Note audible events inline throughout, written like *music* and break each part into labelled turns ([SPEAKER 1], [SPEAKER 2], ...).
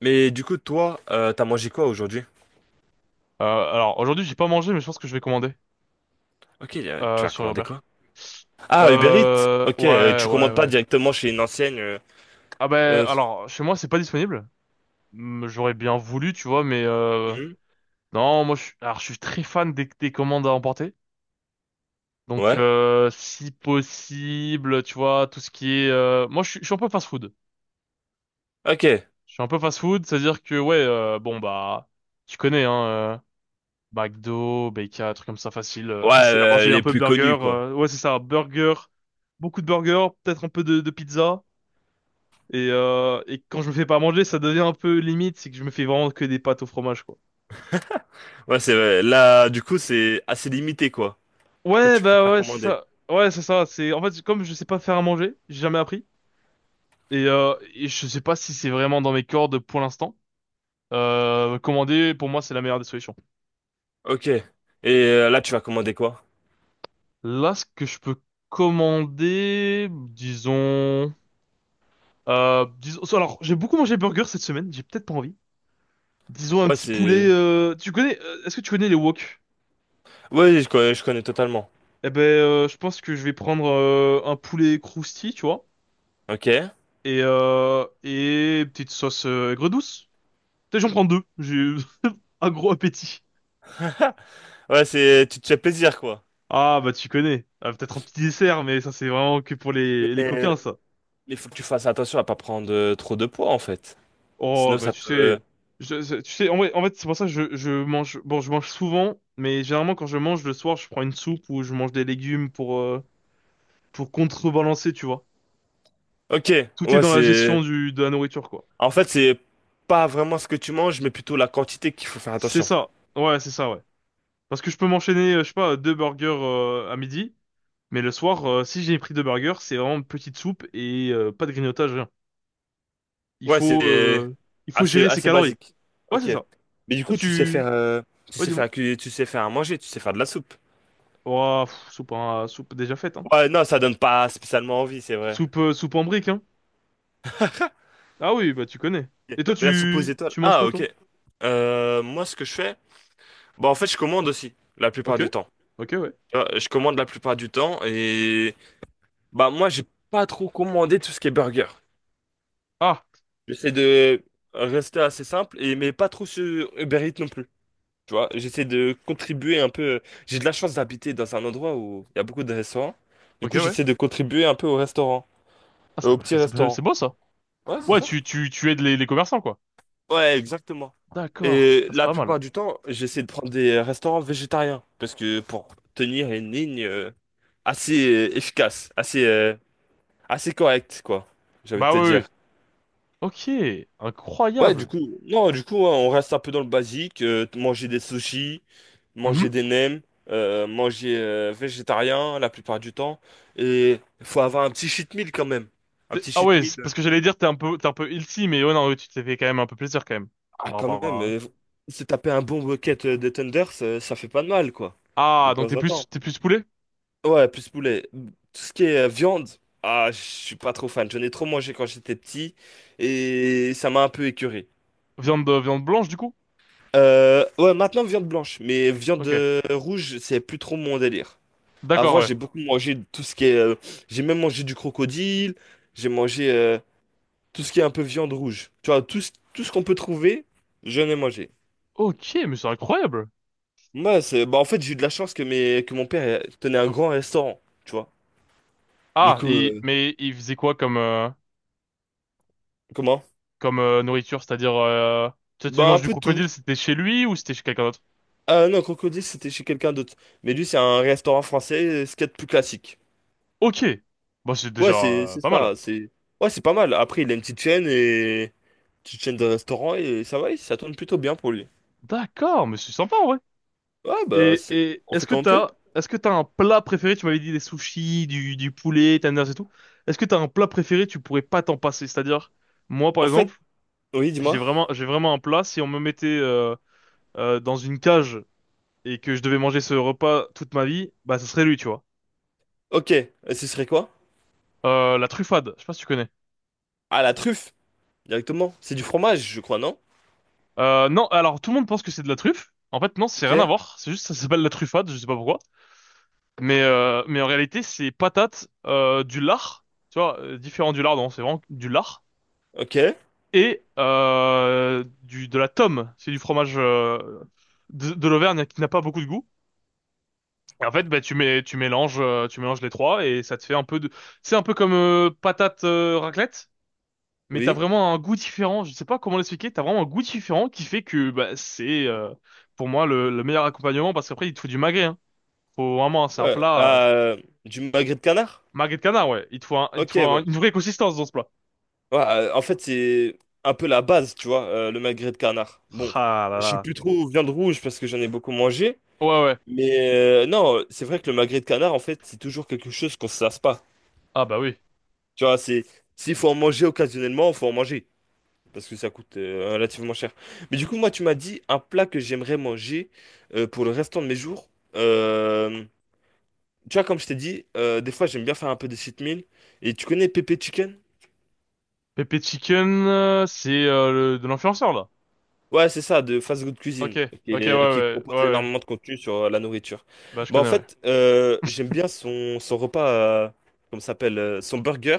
[SPEAKER 1] Mais du coup, toi, t'as mangé quoi aujourd'hui?
[SPEAKER 2] Alors aujourd'hui j'ai pas mangé mais je pense que je vais commander
[SPEAKER 1] Ok, tu as
[SPEAKER 2] sur
[SPEAKER 1] commandé
[SPEAKER 2] Uber.
[SPEAKER 1] quoi? Ah, Uber Eats. Ok,
[SPEAKER 2] Ouais
[SPEAKER 1] tu
[SPEAKER 2] ouais
[SPEAKER 1] commandes pas
[SPEAKER 2] ouais.
[SPEAKER 1] directement chez une ancienne.
[SPEAKER 2] Ah ben
[SPEAKER 1] Euh,
[SPEAKER 2] alors chez moi c'est pas disponible. Hmm, j'aurais bien voulu tu vois mais
[SPEAKER 1] mhm.
[SPEAKER 2] non moi je suis alors je suis très fan des commandes à emporter. Donc
[SPEAKER 1] Ouais.
[SPEAKER 2] si possible tu vois tout ce qui est moi je suis un peu fast food.
[SPEAKER 1] Ok. Ouais,
[SPEAKER 2] Je suis un peu fast food c'est à dire que ouais bon bah tu connais hein McDo, BK, un truc comme ça, facile. Facile à manger, un
[SPEAKER 1] les
[SPEAKER 2] peu de
[SPEAKER 1] plus
[SPEAKER 2] burger.
[SPEAKER 1] connus quoi.
[SPEAKER 2] Ouais, c'est ça, burger, beaucoup de burger, peut-être un peu de pizza. Et quand je me fais pas manger, ça devient un peu limite, c'est que je me fais vraiment que des pâtes au fromage, quoi.
[SPEAKER 1] Ouais, c'est vrai. Là, du coup, c'est assez limité quoi. Du coup,
[SPEAKER 2] Ouais,
[SPEAKER 1] tu
[SPEAKER 2] bah
[SPEAKER 1] préfères
[SPEAKER 2] ouais, c'est
[SPEAKER 1] commander.
[SPEAKER 2] ça. Ouais, c'est ça. C'est en fait comme je sais pas faire à manger, j'ai jamais appris et je sais pas si c'est vraiment dans mes cordes pour l'instant. Commander pour moi c'est la meilleure des solutions.
[SPEAKER 1] Ok. Et là, tu vas commander quoi?
[SPEAKER 2] Là, ce que je peux commander, disons, disons, alors, j'ai beaucoup mangé burger cette semaine, j'ai peut-être pas envie. Disons un
[SPEAKER 1] Ouais,
[SPEAKER 2] petit poulet.
[SPEAKER 1] c'est.
[SPEAKER 2] Tu connais, est-ce que tu connais les wok?
[SPEAKER 1] Ouais, je connais totalement.
[SPEAKER 2] Eh ben, je pense que je vais prendre un poulet croustille, tu vois,
[SPEAKER 1] Ok.
[SPEAKER 2] et petite sauce aigre douce. Peut-être j'en prends deux. J'ai eu *laughs* un gros appétit.
[SPEAKER 1] Ouais, c'est, tu te fais plaisir quoi.
[SPEAKER 2] Ah bah tu connais. Ah, peut-être un petit dessert, mais ça c'est vraiment que pour les
[SPEAKER 1] Mais
[SPEAKER 2] coquins ça.
[SPEAKER 1] il faut que tu fasses attention à pas prendre trop de poids en fait.
[SPEAKER 2] Oh
[SPEAKER 1] Sinon,
[SPEAKER 2] bah
[SPEAKER 1] ça
[SPEAKER 2] tu
[SPEAKER 1] peut. euh,
[SPEAKER 2] sais, tu sais en fait c'est pour ça que je mange. Bon, je mange souvent, mais généralement quand je mange le soir, je prends une soupe ou je mange des légumes pour contrebalancer, tu vois.
[SPEAKER 1] Ok.
[SPEAKER 2] Tout est
[SPEAKER 1] Ouais,
[SPEAKER 2] dans la
[SPEAKER 1] c'est.
[SPEAKER 2] gestion du, de la nourriture, quoi.
[SPEAKER 1] En fait, c'est pas vraiment ce que tu manges, mais plutôt la quantité qu'il faut faire
[SPEAKER 2] C'est
[SPEAKER 1] attention.
[SPEAKER 2] ça. Ouais, c'est ça, ouais. Parce que je peux m'enchaîner, je sais pas, deux burgers à midi, mais le soir, si j'ai pris deux burgers, c'est vraiment une petite soupe et pas de grignotage, rien. Il
[SPEAKER 1] Ouais,
[SPEAKER 2] faut,
[SPEAKER 1] c'est
[SPEAKER 2] euh, il faut
[SPEAKER 1] assez,
[SPEAKER 2] gérer ses
[SPEAKER 1] assez
[SPEAKER 2] calories.
[SPEAKER 1] basique.
[SPEAKER 2] Ouais, c'est
[SPEAKER 1] Ok.
[SPEAKER 2] ça.
[SPEAKER 1] Mais du
[SPEAKER 2] Toi,
[SPEAKER 1] coup, tu sais
[SPEAKER 2] tu...
[SPEAKER 1] faire, tu
[SPEAKER 2] Ouais,
[SPEAKER 1] sais faire
[SPEAKER 2] dis-moi.
[SPEAKER 1] à tu sais faire à manger, tu sais faire de la soupe.
[SPEAKER 2] Oh, pff, soupe, soupe déjà faite, hein.
[SPEAKER 1] Ouais, non, ça donne pas spécialement envie, c'est vrai.
[SPEAKER 2] Soupe, soupe en brique, hein. Ah oui, bah tu connais.
[SPEAKER 1] Ok.
[SPEAKER 2] Et toi,
[SPEAKER 1] Mais la soupe aux
[SPEAKER 2] tu,
[SPEAKER 1] étoiles.
[SPEAKER 2] tu manges
[SPEAKER 1] Ah,
[SPEAKER 2] quoi,
[SPEAKER 1] ok.
[SPEAKER 2] toi?
[SPEAKER 1] Moi, ce que je fais, bah, en fait, je commande aussi, la plupart
[SPEAKER 2] Ok.
[SPEAKER 1] du temps.
[SPEAKER 2] Ok, ouais.
[SPEAKER 1] Tu vois, je commande la plupart du temps et, bah, moi, j'ai pas trop commandé tout ce qui est burger.
[SPEAKER 2] Ah,
[SPEAKER 1] J'essaie de rester assez simple et, mais pas trop sur Uber Eats non plus. Tu vois, j'essaie de contribuer un peu. J'ai de la chance d'habiter dans un endroit où il y a beaucoup de restaurants. Du
[SPEAKER 2] ok,
[SPEAKER 1] coup,
[SPEAKER 2] ouais.
[SPEAKER 1] j'essaie de contribuer un peu au restaurant,
[SPEAKER 2] Ah,
[SPEAKER 1] au petit
[SPEAKER 2] c'est c'est
[SPEAKER 1] restaurant.
[SPEAKER 2] beau, ça.
[SPEAKER 1] Ouais, c'est
[SPEAKER 2] Ouais,
[SPEAKER 1] ça?
[SPEAKER 2] tu aides les commerçants, quoi.
[SPEAKER 1] Ouais, exactement.
[SPEAKER 2] D'accord.
[SPEAKER 1] Et
[SPEAKER 2] Ah, c'est
[SPEAKER 1] la
[SPEAKER 2] pas mal.
[SPEAKER 1] plupart du temps, j'essaie de prendre des restaurants végétariens parce que pour tenir une ligne assez efficace, assez correcte, quoi. J'ai envie de
[SPEAKER 2] Bah
[SPEAKER 1] te
[SPEAKER 2] oui, oui.
[SPEAKER 1] dire.
[SPEAKER 2] Ok,
[SPEAKER 1] Ouais, du
[SPEAKER 2] incroyable.
[SPEAKER 1] coup, non, du coup, hein, on reste un peu dans le basique, manger des sushis, manger
[SPEAKER 2] Mhm.
[SPEAKER 1] des nems, manger végétarien la plupart du temps, et faut avoir un petit cheat meal quand même, un petit
[SPEAKER 2] Ah
[SPEAKER 1] cheat
[SPEAKER 2] ouais,
[SPEAKER 1] meal,
[SPEAKER 2] c'est
[SPEAKER 1] euh,
[SPEAKER 2] parce que j'allais dire t'es un peu ilty, mais ouais non, ouais, tu t'es fait quand même un peu plaisir quand même.
[SPEAKER 1] ah
[SPEAKER 2] Par
[SPEAKER 1] quand
[SPEAKER 2] rapport
[SPEAKER 1] même,
[SPEAKER 2] à...
[SPEAKER 1] se taper un bon bucket de tenders, ça fait pas de mal quoi, de
[SPEAKER 2] Ah, donc
[SPEAKER 1] temps en temps.
[SPEAKER 2] t'es plus poulet?
[SPEAKER 1] Ouais, plus poulet, tout ce qui est viande, ah, je suis pas trop fan, j'en ai trop mangé quand j'étais petit, et ça m'a un peu écœuré.
[SPEAKER 2] Viande viande blanche du coup?
[SPEAKER 1] Ouais, maintenant viande blanche, mais viande
[SPEAKER 2] Ok.
[SPEAKER 1] rouge, c'est plus trop mon délire.
[SPEAKER 2] D'accord,
[SPEAKER 1] Avant,
[SPEAKER 2] ouais.
[SPEAKER 1] j'ai beaucoup mangé de tout ce qui est. J'ai même mangé du crocodile, j'ai mangé tout ce qui est un peu viande rouge. Tu vois, tout, tout ce qu'on peut trouver, je ai mangé.
[SPEAKER 2] Ok, mais c'est incroyable.
[SPEAKER 1] Moi, c'est, bah, en fait, j'ai eu de la chance que, que mon père tenait un grand restaurant, tu vois. Du
[SPEAKER 2] Ah,
[SPEAKER 1] coup,
[SPEAKER 2] mais il faisait quoi comme
[SPEAKER 1] comment?
[SPEAKER 2] comme nourriture? C'est-à-dire tu
[SPEAKER 1] Bah, un
[SPEAKER 2] manges du
[SPEAKER 1] peu de tout.
[SPEAKER 2] crocodile, c'était chez lui ou c'était chez quelqu'un d'autre?
[SPEAKER 1] Ah non, crocodile, c'était chez quelqu'un d'autre. Mais lui, c'est un restaurant français, ce qu'il y a de plus classique.
[SPEAKER 2] Ok. Bah c'est
[SPEAKER 1] Ouais,
[SPEAKER 2] déjà
[SPEAKER 1] c'est c'est
[SPEAKER 2] pas mal.
[SPEAKER 1] ça, c'est. Ouais, c'est pas mal. Après, il a une petite chaîne et. Petite chaîne de restaurant et ça va, ça tourne plutôt bien pour lui.
[SPEAKER 2] D'accord, mais c'est sympa ouais.
[SPEAKER 1] Ouais, bah,
[SPEAKER 2] Et,
[SPEAKER 1] c'est...
[SPEAKER 2] et
[SPEAKER 1] on fait comme on peut.
[SPEAKER 2] est-ce que t'as un plat préféré? Tu m'avais dit des sushis, du poulet, tenders et tout. Est-ce que t'as un plat préféré? Tu pourrais pas t'en passer. C'est-à-dire, moi, par
[SPEAKER 1] En fait,
[SPEAKER 2] exemple,
[SPEAKER 1] oui,
[SPEAKER 2] j'ai
[SPEAKER 1] dis-moi.
[SPEAKER 2] vraiment, j'ai vraiment un plat. Si on me mettait dans une cage et que je devais manger ce repas toute ma vie, bah, ce serait lui, tu vois.
[SPEAKER 1] Ok, et ce serait quoi?
[SPEAKER 2] La truffade. Je sais pas si tu connais.
[SPEAKER 1] Ah, la truffe, directement. C'est du fromage, je crois, non?
[SPEAKER 2] Non, alors tout le monde pense que c'est de la truffe. En fait, non, c'est rien à
[SPEAKER 1] Ok,
[SPEAKER 2] voir. C'est juste, ça s'appelle la truffade. Je sais pas pourquoi. Mais en réalité, c'est patate, du lard. Tu vois, différent du lard, non, c'est vraiment du lard
[SPEAKER 1] ok,
[SPEAKER 2] et du de la tome, c'est du fromage de l'Auvergne qui n'a pas beaucoup de goût. Et en fait, bah, tu mélanges les trois et ça te fait un peu de c'est un peu comme patate raclette, mais t'as
[SPEAKER 1] oui.
[SPEAKER 2] vraiment un goût différent. Je sais pas comment l'expliquer, t'as vraiment un goût différent qui fait que bah, c'est pour moi le meilleur accompagnement parce qu'après il te faut du magret. Hein. Faut vraiment c'est un
[SPEAKER 1] Ouais,
[SPEAKER 2] plat
[SPEAKER 1] du magret de canard?
[SPEAKER 2] magret de canard ouais. Il te faut un- il te
[SPEAKER 1] Ok,
[SPEAKER 2] faut un-
[SPEAKER 1] ouais.
[SPEAKER 2] Une vraie consistance dans ce plat.
[SPEAKER 1] Ouais, en fait, c'est un peu la base, tu vois, le magret de canard. Bon,
[SPEAKER 2] Ah là
[SPEAKER 1] je sais
[SPEAKER 2] là.
[SPEAKER 1] plus trop viande rouge parce que j'en ai beaucoup mangé.
[SPEAKER 2] Ouais ouais.
[SPEAKER 1] Mais non, c'est vrai que le magret de canard, en fait, c'est toujours quelque chose qu'on se lasse pas.
[SPEAKER 2] Ah bah oui.
[SPEAKER 1] Tu vois, c'est s'il faut en manger occasionnellement, faut en manger parce que ça coûte relativement cher. Mais du coup, moi, tu m'as dit un plat que j'aimerais manger pour le restant de mes jours. Tu vois, comme je t'ai dit, des fois, j'aime bien faire un peu de cheat meal. Et tu connais Pépé Chicken?
[SPEAKER 2] Pepe Chicken, c'est de l'influenceur là.
[SPEAKER 1] Ouais, c'est ça, de Fast Good
[SPEAKER 2] Ok,
[SPEAKER 1] Cuisine,
[SPEAKER 2] ok, ouais,
[SPEAKER 1] qui
[SPEAKER 2] ouais, ouais,
[SPEAKER 1] propose
[SPEAKER 2] ouais.
[SPEAKER 1] énormément de contenu sur la nourriture.
[SPEAKER 2] Bah je
[SPEAKER 1] Bah, en
[SPEAKER 2] connais, ouais.
[SPEAKER 1] fait, j'aime bien son repas, euh, comment ça s'appelle, son burger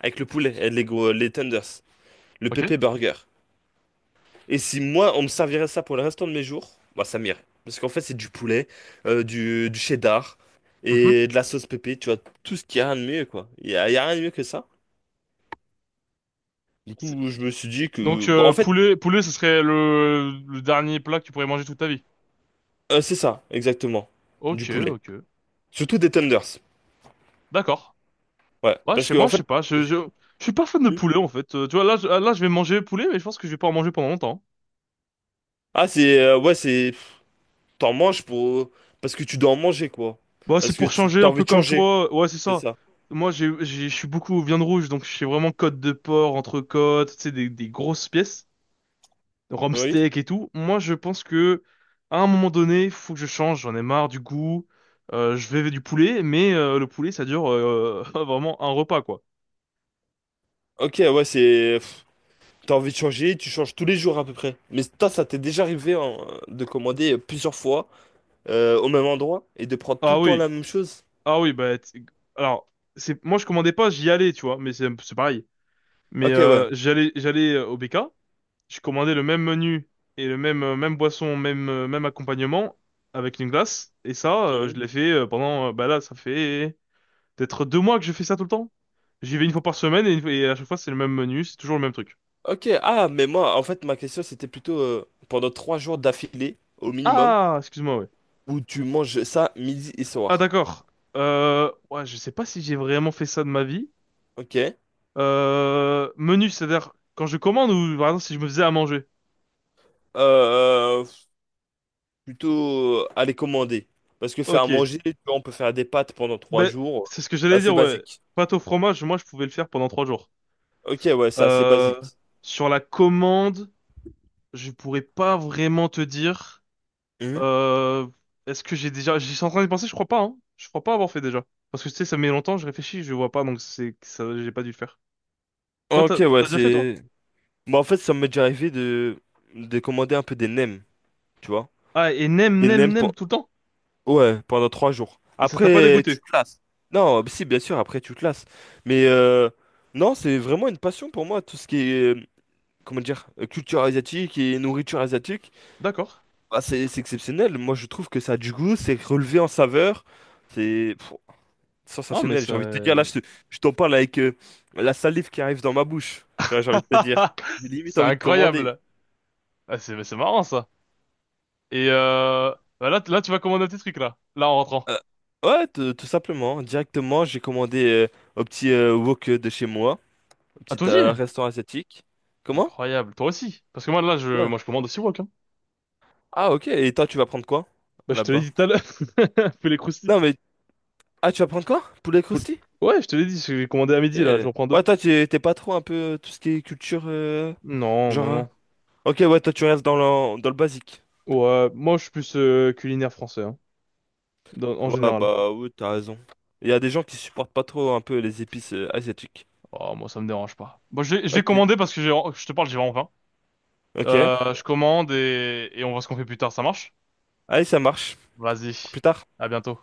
[SPEAKER 1] avec le poulet et les tenders, le
[SPEAKER 2] Ok.
[SPEAKER 1] Pépé Burger. Et si moi, on me servirait ça pour le restant de mes jours, bah ça m'irait. Parce qu'en fait, c'est du poulet, du cheddar
[SPEAKER 2] Mhm.
[SPEAKER 1] et de la sauce pépé, tu vois, tout ce qu'il y a rien de mieux, quoi. Il y a rien de mieux que ça. Du
[SPEAKER 2] C'est-
[SPEAKER 1] coup, je me suis dit que...
[SPEAKER 2] Donc
[SPEAKER 1] bah en fait,
[SPEAKER 2] poulet, poulet, ce serait le dernier plat que tu pourrais manger toute ta vie.
[SPEAKER 1] c'est ça, exactement. Du
[SPEAKER 2] Ok,
[SPEAKER 1] poulet.
[SPEAKER 2] ok.
[SPEAKER 1] Surtout des tenders.
[SPEAKER 2] D'accord.
[SPEAKER 1] Ouais,
[SPEAKER 2] Ouais,
[SPEAKER 1] parce
[SPEAKER 2] chez
[SPEAKER 1] que
[SPEAKER 2] moi,
[SPEAKER 1] en
[SPEAKER 2] je
[SPEAKER 1] fait...
[SPEAKER 2] sais pas. Je suis pas fan de poulet en fait. Tu vois, là, je vais manger poulet, mais je pense que je vais pas en manger pendant longtemps.
[SPEAKER 1] Ah, c'est... ouais, c'est... T'en manges pour... Parce que tu dois en manger, quoi.
[SPEAKER 2] Bah c'est
[SPEAKER 1] Parce que
[SPEAKER 2] pour changer,
[SPEAKER 1] t'as
[SPEAKER 2] un
[SPEAKER 1] envie
[SPEAKER 2] peu
[SPEAKER 1] de
[SPEAKER 2] comme
[SPEAKER 1] changer,
[SPEAKER 2] toi. Ouais, c'est
[SPEAKER 1] c'est
[SPEAKER 2] ça.
[SPEAKER 1] ça.
[SPEAKER 2] Moi, je suis beaucoup viande rouge, donc je suis vraiment côte de porc, entrecôte, tu sais, des grosses pièces. Rhum
[SPEAKER 1] Oui.
[SPEAKER 2] steak et tout. Moi, je pense que à un moment donné, faut que je change. J'en ai marre du goût. Je vais du poulet, mais le poulet, ça dure *laughs* vraiment un repas, quoi.
[SPEAKER 1] Ok, ouais, c'est... T'as envie de changer, tu changes tous les jours à peu près. Mais toi, ça t'est déjà arrivé hein, de commander plusieurs fois au même endroit et de prendre tout le
[SPEAKER 2] Ah
[SPEAKER 1] temps
[SPEAKER 2] oui,
[SPEAKER 1] la même chose?
[SPEAKER 2] ah oui, bah alors c'est moi je commandais pas, j'y allais, tu vois, mais c'est pareil. Mais
[SPEAKER 1] Ok, ouais.
[SPEAKER 2] j'allais au BK, je commandais le même menu et le même même boisson, même même accompagnement avec une glace et ça je
[SPEAKER 1] Mhm.
[SPEAKER 2] l'ai fait pendant bah là ça fait peut-être 2 mois que je fais ça tout le temps. J'y vais une fois par semaine et, et à chaque fois c'est le même menu, c'est toujours le même truc.
[SPEAKER 1] Ok, ah, mais moi, en fait, ma question, c'était plutôt pendant trois jours d'affilée, au minimum,
[SPEAKER 2] Ah, excuse-moi, ouais.
[SPEAKER 1] où tu manges ça midi et
[SPEAKER 2] Ah,
[SPEAKER 1] soir.
[SPEAKER 2] d'accord. Ouais, je sais pas si j'ai vraiment fait ça de ma vie.
[SPEAKER 1] Ok.
[SPEAKER 2] Menu, c'est-à-dire quand je commande ou par exemple si je me faisais à manger.
[SPEAKER 1] Euh, plutôt aller commander. Parce que faire à
[SPEAKER 2] Ok.
[SPEAKER 1] manger, tu vois, on peut faire des pâtes pendant trois
[SPEAKER 2] Ben,
[SPEAKER 1] jours.
[SPEAKER 2] c'est ce que j'allais
[SPEAKER 1] Là, c'est
[SPEAKER 2] dire, ouais.
[SPEAKER 1] basique.
[SPEAKER 2] Pâte au fromage, moi je pouvais le faire pendant 3 jours.
[SPEAKER 1] Ok, ouais, c'est assez
[SPEAKER 2] Euh,
[SPEAKER 1] basique.
[SPEAKER 2] Sur la commande, je pourrais pas vraiment te dire.
[SPEAKER 1] Mhm.
[SPEAKER 2] Euh, Est-ce que j'ai déjà... J'y suis en train de penser, je crois pas, hein. Je crois pas avoir fait déjà. Parce que tu sais, ça met longtemps, je réfléchis, je vois pas, donc c'est que ça, j'ai pas dû le faire. Toi, t'as
[SPEAKER 1] Ok, ouais,
[SPEAKER 2] t'as déjà fait, toi?
[SPEAKER 1] c'est... Bah, en fait, ça m'est déjà arrivé de commander un peu des nems, tu vois.
[SPEAKER 2] Ah, et nem,
[SPEAKER 1] Des
[SPEAKER 2] nem,
[SPEAKER 1] nems
[SPEAKER 2] nem
[SPEAKER 1] pour...
[SPEAKER 2] tout le temps?
[SPEAKER 1] ouais, pendant trois jours.
[SPEAKER 2] Et ça t'a pas
[SPEAKER 1] Après, tu
[SPEAKER 2] dégoûté?
[SPEAKER 1] te lasses. Non, bah si, bien sûr, après, tu te lasses. Mais non, c'est vraiment une passion pour moi, tout ce qui est, comment dire, culture asiatique et nourriture asiatique.
[SPEAKER 2] D'accord.
[SPEAKER 1] Bah, c'est exceptionnel. Moi, je trouve que ça a du goût, c'est relevé en saveur. C'est pff,
[SPEAKER 2] Ah, mais
[SPEAKER 1] sensationnel.
[SPEAKER 2] ça...
[SPEAKER 1] J'ai envie de te dire, là,
[SPEAKER 2] *laughs*
[SPEAKER 1] je t'en parle avec la salive qui arrive dans ma bouche. Tu vois, j'ai envie de te dire. J'ai limite
[SPEAKER 2] c'est
[SPEAKER 1] envie de commander.
[SPEAKER 2] incroyable! Ah, c'est marrant, ça. Et bah là, là, tu vas commander tes trucs, là. Là, en rentrant.
[SPEAKER 1] Euh, ouais, tout, tout simplement. Directement, j'ai commandé au petit wok de chez moi, au
[SPEAKER 2] Ah,
[SPEAKER 1] petit
[SPEAKER 2] toi aussi?
[SPEAKER 1] restaurant asiatique. Comment?
[SPEAKER 2] Incroyable. Toi aussi. Parce que moi, là, je,
[SPEAKER 1] Ouais.
[SPEAKER 2] moi, je commande aussi wok, hein.
[SPEAKER 1] Ah, ok. Et toi, tu vas prendre quoi
[SPEAKER 2] Bah, je te l'ai
[SPEAKER 1] là-bas?
[SPEAKER 2] dit tout à l'heure. *laughs* Fais les croustilles.
[SPEAKER 1] Non, mais. Ah, tu vas prendre quoi? Poulet croustille?
[SPEAKER 2] Ouais, je te l'ai dit, j'ai commandé à
[SPEAKER 1] Ok.
[SPEAKER 2] midi, là, je reprends deux.
[SPEAKER 1] Ouais, toi, t'es pas trop un peu tout ce qui est culture.
[SPEAKER 2] Non, non,
[SPEAKER 1] Genre.
[SPEAKER 2] non.
[SPEAKER 1] Ok, ouais, toi, tu restes dans le basique.
[SPEAKER 2] Ouais, moi je suis plus culinaire français, hein, en
[SPEAKER 1] Ouais,
[SPEAKER 2] général.
[SPEAKER 1] bah, oui, t'as raison. Il y a des gens qui supportent pas trop un peu les épices asiatiques.
[SPEAKER 2] Oh, moi ça me dérange pas. Bon, je vais
[SPEAKER 1] Ok.
[SPEAKER 2] commander parce que j'ai, je te parle, j'ai vraiment faim.
[SPEAKER 1] Ok.
[SPEAKER 2] Je commande et on voit ce qu'on fait plus tard, ça marche?
[SPEAKER 1] Allez, ça marche. À
[SPEAKER 2] Vas-y,
[SPEAKER 1] plus tard.
[SPEAKER 2] à bientôt.